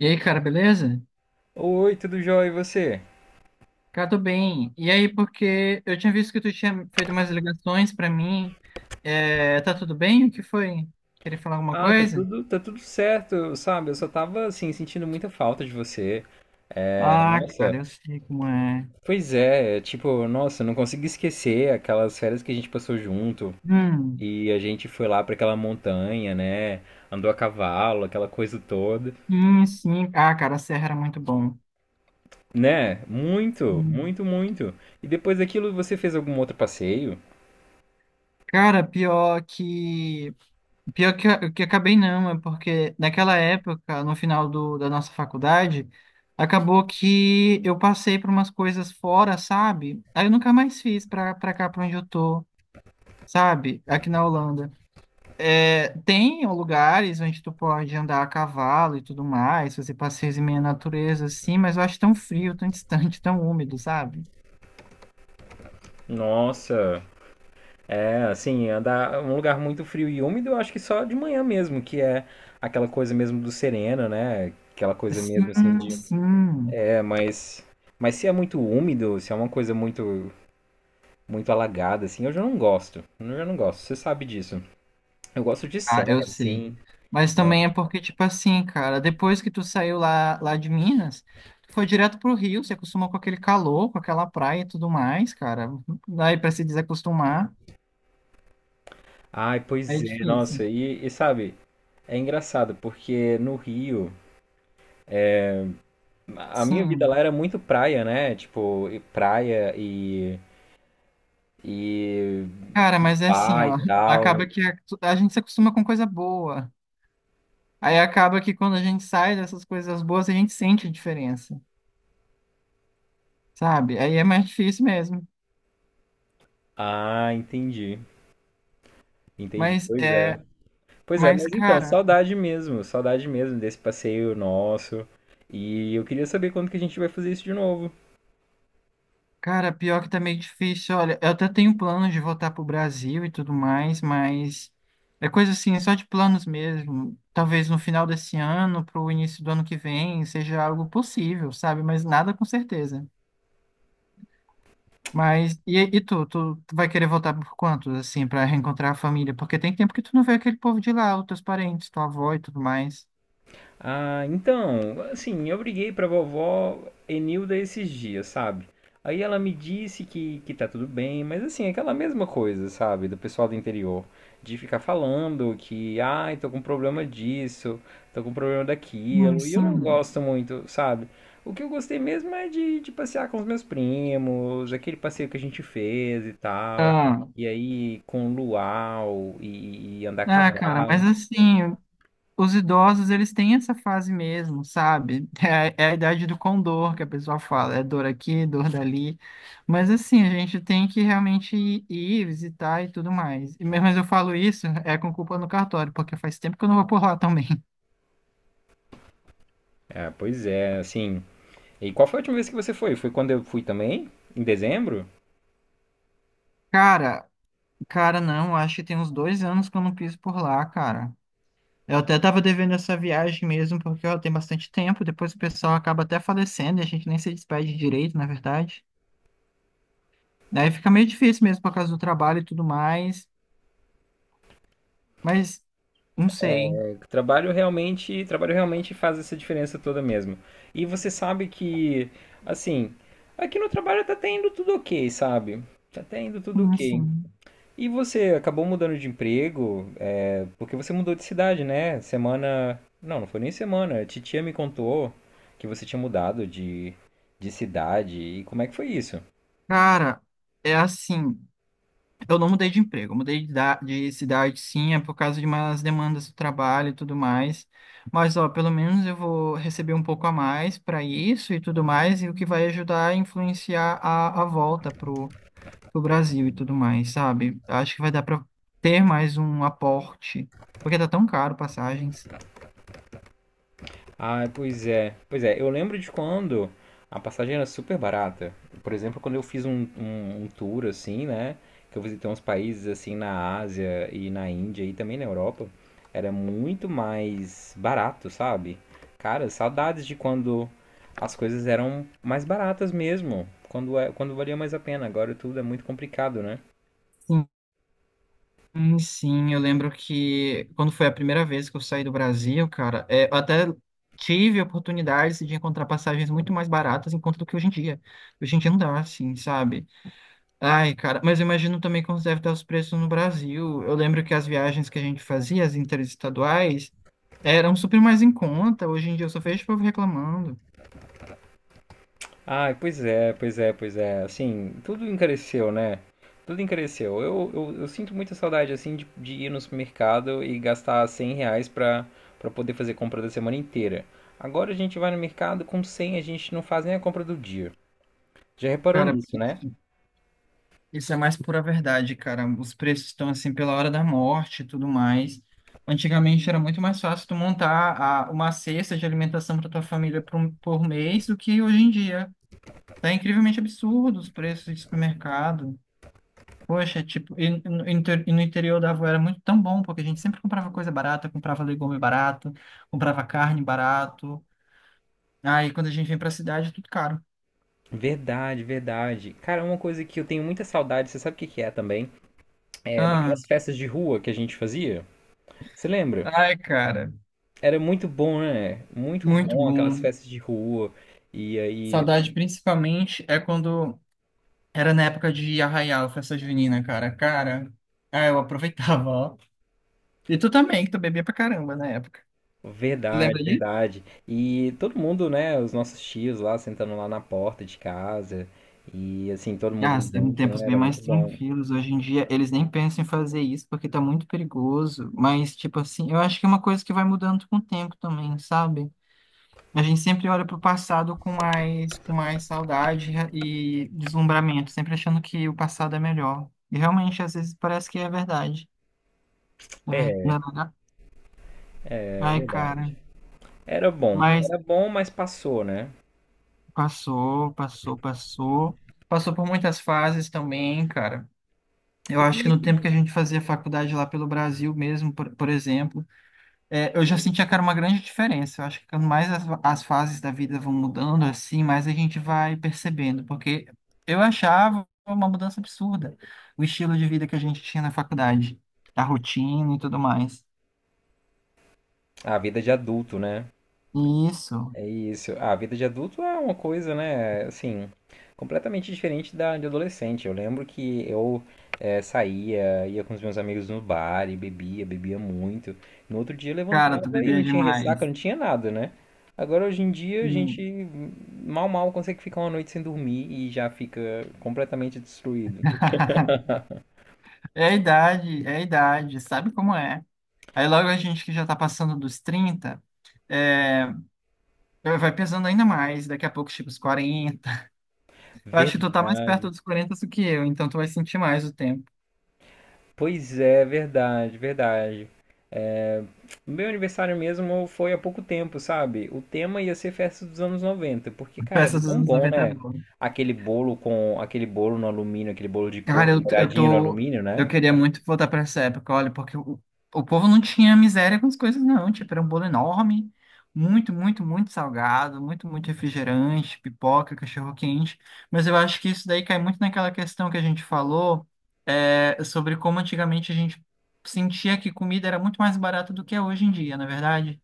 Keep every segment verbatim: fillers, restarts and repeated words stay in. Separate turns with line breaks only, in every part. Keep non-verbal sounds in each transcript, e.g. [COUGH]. E aí, cara, beleza?
Oi, tudo jóia, e você?
Cara, tô bem. E aí, porque eu tinha visto que tu tinha feito umas ligações pra mim. É, tá tudo bem? O que foi? Queria falar alguma
Ah, tá
coisa?
tudo, tá tudo certo, sabe? Eu só tava, assim, sentindo muita falta de você. É,
Ah, cara,
nossa,
eu sei como é.
pois é, é, tipo, nossa, não consigo esquecer aquelas férias que a gente passou junto.
Hum,
E a gente foi lá pra aquela montanha, né? Andou a cavalo, aquela coisa toda.
sim, sim. Ah, cara, a Serra era muito bom.
Né? Muito,
Hum.
muito, muito. E depois daquilo você fez algum outro passeio?
Cara, pior que. Pior que, eu- que acabei não, é porque naquela época, no final do, da nossa faculdade, acabou que eu passei por umas coisas fora, sabe? Aí eu nunca mais fiz pra, pra cá, pra onde eu tô. Sabe? Aqui na Holanda. É, tem lugares onde tu pode andar a cavalo e tudo mais, fazer passeios em meio à natureza, assim, mas eu acho tão frio, tão distante, tão úmido, sabe?
Nossa, É, assim, andar um lugar muito frio e úmido, eu acho que só de manhã mesmo, que é aquela coisa mesmo do sereno, né? Aquela coisa mesmo assim
Sim,
de.
sim.
É, mas. Mas se é muito úmido, se é uma coisa muito muito alagada, assim, eu já não gosto. Eu já não gosto, você sabe disso. Eu gosto de
Ah, eu
serra,
sei.
assim,
Mas
né?
também é porque, tipo assim, cara, depois que tu saiu lá, lá de Minas, tu foi direto pro Rio, se acostumou com aquele calor, com aquela praia e tudo mais, cara. Daí pra se desacostumar,
Ai,
é
pois é, nossa,
difícil.
e, e sabe, é engraçado, porque no Rio, a minha vida
Sim.
lá era muito praia, né? Tipo, e praia e, e
Cara, mas é assim,
bar e
ó.
tal.
Acaba que a, a gente se acostuma com coisa boa. Aí acaba que quando a gente sai dessas coisas boas, a gente sente a diferença, sabe? Aí é mais difícil mesmo.
Ah, entendi. Entendi.
Mas
Pois é.
é,
Pois é,
mas
mas então,
cara,
saudade mesmo, saudade mesmo desse passeio nosso. E eu queria saber quando que a gente vai fazer isso de novo.
cara, pior que tá meio difícil. Olha, eu até tenho planos de voltar pro Brasil e tudo mais, mas é coisa assim, só de planos mesmo. Talvez no final desse ano, pro início do ano que vem, seja algo possível, sabe? Mas nada com certeza. Mas, e, e tu, tu, tu vai querer voltar por quantos, assim, pra reencontrar a família? Porque tem tempo que tu não vê aquele povo de lá, os teus parentes, tua avó e tudo mais.
Ah, então, assim, eu briguei pra vovó Enilda esses dias, sabe? Aí ela me disse que, que tá tudo bem, mas assim, é aquela mesma coisa, sabe? Do pessoal do interior. De ficar falando que, ai, tô com problema disso, tô com problema
Hum,
daquilo, e eu não
sim.
gosto muito, sabe? O que eu gostei mesmo é de, de passear com os meus primos, aquele passeio que a gente fez e tal.
Ah,
E aí, com luau e, e andar a
ah, cara, mas
cavalo.
assim, os idosos, eles têm essa fase mesmo, sabe? [LAUGHS] É, é a idade do condor que a pessoa fala, é dor aqui, dor dali. Mas assim, a gente tem que realmente ir, ir visitar e tudo mais. E mesmo eu falo isso, é com culpa no cartório, porque faz tempo que eu não vou por lá também. [LAUGHS]
É, pois é, assim. E qual foi a última vez que você foi? Foi quando eu fui também, em dezembro.
Cara, Cara, não, acho que tem uns dois anos que eu não piso por lá, cara. Eu até tava devendo essa viagem mesmo, porque ó, tem bastante tempo. Depois o pessoal acaba até falecendo e a gente nem se despede direito, na verdade. Daí fica meio difícil mesmo por causa do trabalho e tudo mais. Mas não sei.
Trabalho realmente, trabalho realmente faz essa diferença toda mesmo. E você sabe que, assim, aqui no trabalho tá até indo tudo ok, sabe? Tá até indo tudo
Sim,
ok.
sim.
E você acabou mudando de emprego, é, porque você mudou de cidade, né? Semana. Não, não foi nem semana. A titia me contou que você tinha mudado de, de cidade. E como é que foi isso?
Cara, é assim. Eu não mudei de emprego, eu mudei de, da- de cidade, sim, é por causa de umas demandas do trabalho e tudo mais. Mas, ó, pelo menos eu vou receber um pouco a mais para isso e tudo mais, e o que vai ajudar a influenciar a, a volta pro, pro Brasil e tudo mais, sabe? Acho que vai dar para ter mais um aporte, porque tá tão caro passagens.
Ah, pois é. Pois é, eu lembro de quando a passagem era super barata. Por exemplo, quando eu fiz um, um, um tour assim, né? Que eu visitei uns países assim na Ásia e na Índia e também na Europa, era muito mais barato, sabe? Cara, saudades de quando as coisas eram mais baratas mesmo. Quando, é- quando valia mais a pena. Agora tudo é muito complicado, né?
Sim. Hum, Sim, eu lembro que quando foi a primeira vez que eu saí do Brasil, cara, é, eu até tive oportunidades de encontrar passagens muito mais baratas em conta do que hoje em dia. Hoje em dia não dá, assim, sabe? Ai, cara, mas eu imagino também como deve estar os preços no Brasil. Eu lembro que as viagens que a gente fazia, as interestaduais, eram super mais em conta. Hoje em dia eu só vejo o povo reclamando.
Ah, pois é, pois é, pois é. Assim, tudo encareceu, né? Tudo encareceu. Eu, eu, eu sinto muita saudade, assim, de, de ir no supermercado e gastar cem reais pra, pra poder fazer compra da semana inteira. Agora a gente vai no mercado, com cem, a gente não faz nem a compra do dia. Já reparou
Cara,
nisso, né?
isso é mais pura verdade, cara. Os preços estão assim pela hora da morte e tudo mais. Antigamente era muito mais fácil tu montar a- uma cesta de alimentação para tua família por, um- por mês do que hoje em dia. Tá incrivelmente absurdo os preços de supermercado. Poxa, tipo, e, e no, inter- e no interior da avó era muito tão bom, porque a gente sempre comprava coisa barata, comprava legume barato, comprava carne barato. Aí quando a gente vem pra cidade é tudo caro.
Verdade, verdade. Cara, uma coisa que eu tenho muita saudade, você sabe o que que é também? É
Ah,
daquelas festas de rua que a gente fazia. Você lembra?
ai, cara,
Era muito bom, né? Muito
muito
bom aquelas
bom.
festas de rua. E aí.
Saudade principalmente é quando era na época de Arraial, festa junina, cara. Cara, [LAUGHS] ah, eu aproveitava, ó. E tu também, que tu bebia pra caramba na época. Tu
Verdade,
lembra disso?
verdade. E todo mundo, né? Os nossos tios lá sentando lá na porta de casa. E assim, todo mundo
Ah, eram
junto,
tempos
né?
bem
Era muito
mais
bom.
tranquilos. Hoje em dia, eles nem pensam em fazer isso porque tá muito perigoso. Mas, tipo assim, eu acho que é uma coisa que vai mudando com o tempo também, sabe? A gente sempre olha pro passado com mais, com mais saudade e deslumbramento, sempre achando que o passado é melhor. E realmente, às vezes, parece que é verdade. Na ver-
É,
na verdade, ai, cara.
verdade. Era bom.
Mas
Era bom, mas passou, né?
passou, passou, passou. Passou por muitas fases também, cara. Eu
E como
acho que
é
no
que.
tempo que a gente fazia faculdade lá pelo Brasil mesmo, por, por exemplo, é, eu já sentia, cara, uma grande diferença. Eu acho que quando mais as, as fases da vida vão mudando, assim, mais a gente vai percebendo. Porque eu achava uma mudança absurda o estilo de vida que a gente tinha na faculdade, a rotina e tudo mais.
A vida de adulto, né?
Isso,
É isso. A vida de adulto é uma coisa, né? Assim, completamente diferente da de adolescente. Eu lembro que eu É, saía, ia com os meus amigos no bar e bebia, bebia muito. No outro dia eu
cara,
levantava
tu
e não
bebia
tinha ressaca,
demais.
não tinha nada, né? Agora hoje em dia a gente
Sim.
mal mal consegue ficar uma noite sem dormir e já fica completamente destruído.
[LAUGHS] É a idade, é a idade, sabe como é? Aí logo a gente que já tá passando dos trinta, é, vai pesando ainda mais, daqui a pouco chega os quarenta. Eu acho que tu tá mais perto
Verdade.
dos quarenta do que eu, então tu vai sentir mais o tempo.
Pois é, verdade, verdade. É, o meu aniversário mesmo foi há pouco tempo, sabe? O tema ia ser festa dos anos noventa porque, cara, era
Peça dos
tão
anos
bom,
noventa é
né?
boa.
Aquele bolo com aquele bolo no alumínio, aquele bolo de
Cara,
coco,
eu, eu
molhadinho no
tô.
alumínio, né?
Eu queria muito voltar pra essa época, olha, porque o, o povo não tinha miséria com as coisas, não. Tipo, era um bolo enorme, muito, muito, muito salgado, muito, muito refrigerante, pipoca, cachorro-quente. Mas eu acho que isso daí cai muito naquela questão que a gente falou, é, sobre como antigamente a gente sentia que comida era muito mais barata do que é hoje em dia, na é verdade?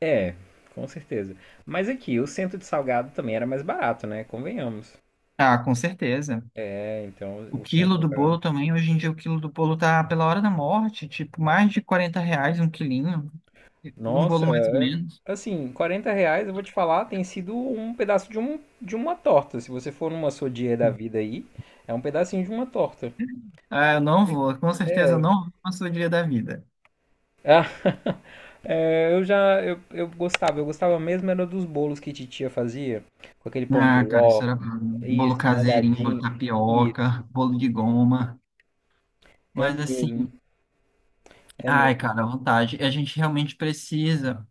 É, com certeza. Mas aqui, o centro de salgado também era mais barato, né? Convenhamos.
Ah, com certeza.
É, então
O
o centro
quilo
de
do
salgado.
bolo também, hoje em dia o quilo do bolo tá pela hora da morte, tipo, mais de quarenta reais um quilinho. De um
Nossa,
bolo mais ou
é-
menos.
assim, quarenta reais, eu vou te falar, tem sido um pedaço de, um, de uma torta. Se você for numa sodier da vida aí, é um pedacinho de uma torta.
Ah, eu não vou, com certeza eu
É.
não vou na sua dia da vida.
Ah, [LAUGHS] é, eu já, eu, eu gostava, eu gostava mesmo era dos bolos que titia fazia, com aquele pão de
Ah, cara, isso
ló,
era bolo
isso,
caseirinho, bolo de
molhadinho, isso.
tapioca, bolo de goma.
É
Mas assim,
mesmo, é
ai,
mesmo.
cara, à vontade. A gente realmente precisa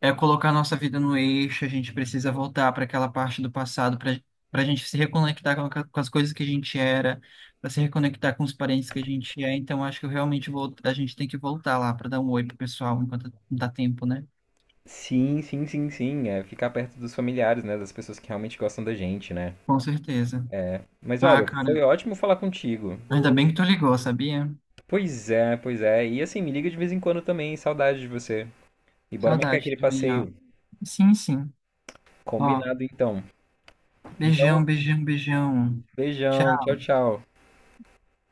é colocar nossa vida no eixo, a gente precisa voltar para aquela parte do passado para para a gente se reconectar com, a- com as coisas que a gente era, para se reconectar com os parentes que a gente é. Então, acho que eu realmente vou, a gente tem que voltar lá para dar um oi pro pessoal enquanto dá tempo, né?
Sim, sim, sim, sim. É ficar perto dos familiares, né? Das pessoas que realmente gostam da gente, né?
Com certeza.
Mas
Ah,
olha, foi
cara.
ótimo falar contigo.
Ainda bem que tu ligou, sabia?
Pois é, pois é. E assim, me liga de vez em quando também, saudade de você. E bora marcar
Saudade
aquele
também, ó.
passeio.
Sim, sim. Ó,
Combinado então. Então,
beijão, beijão, beijão.
beijão,
Tchau.
tchau, tchau.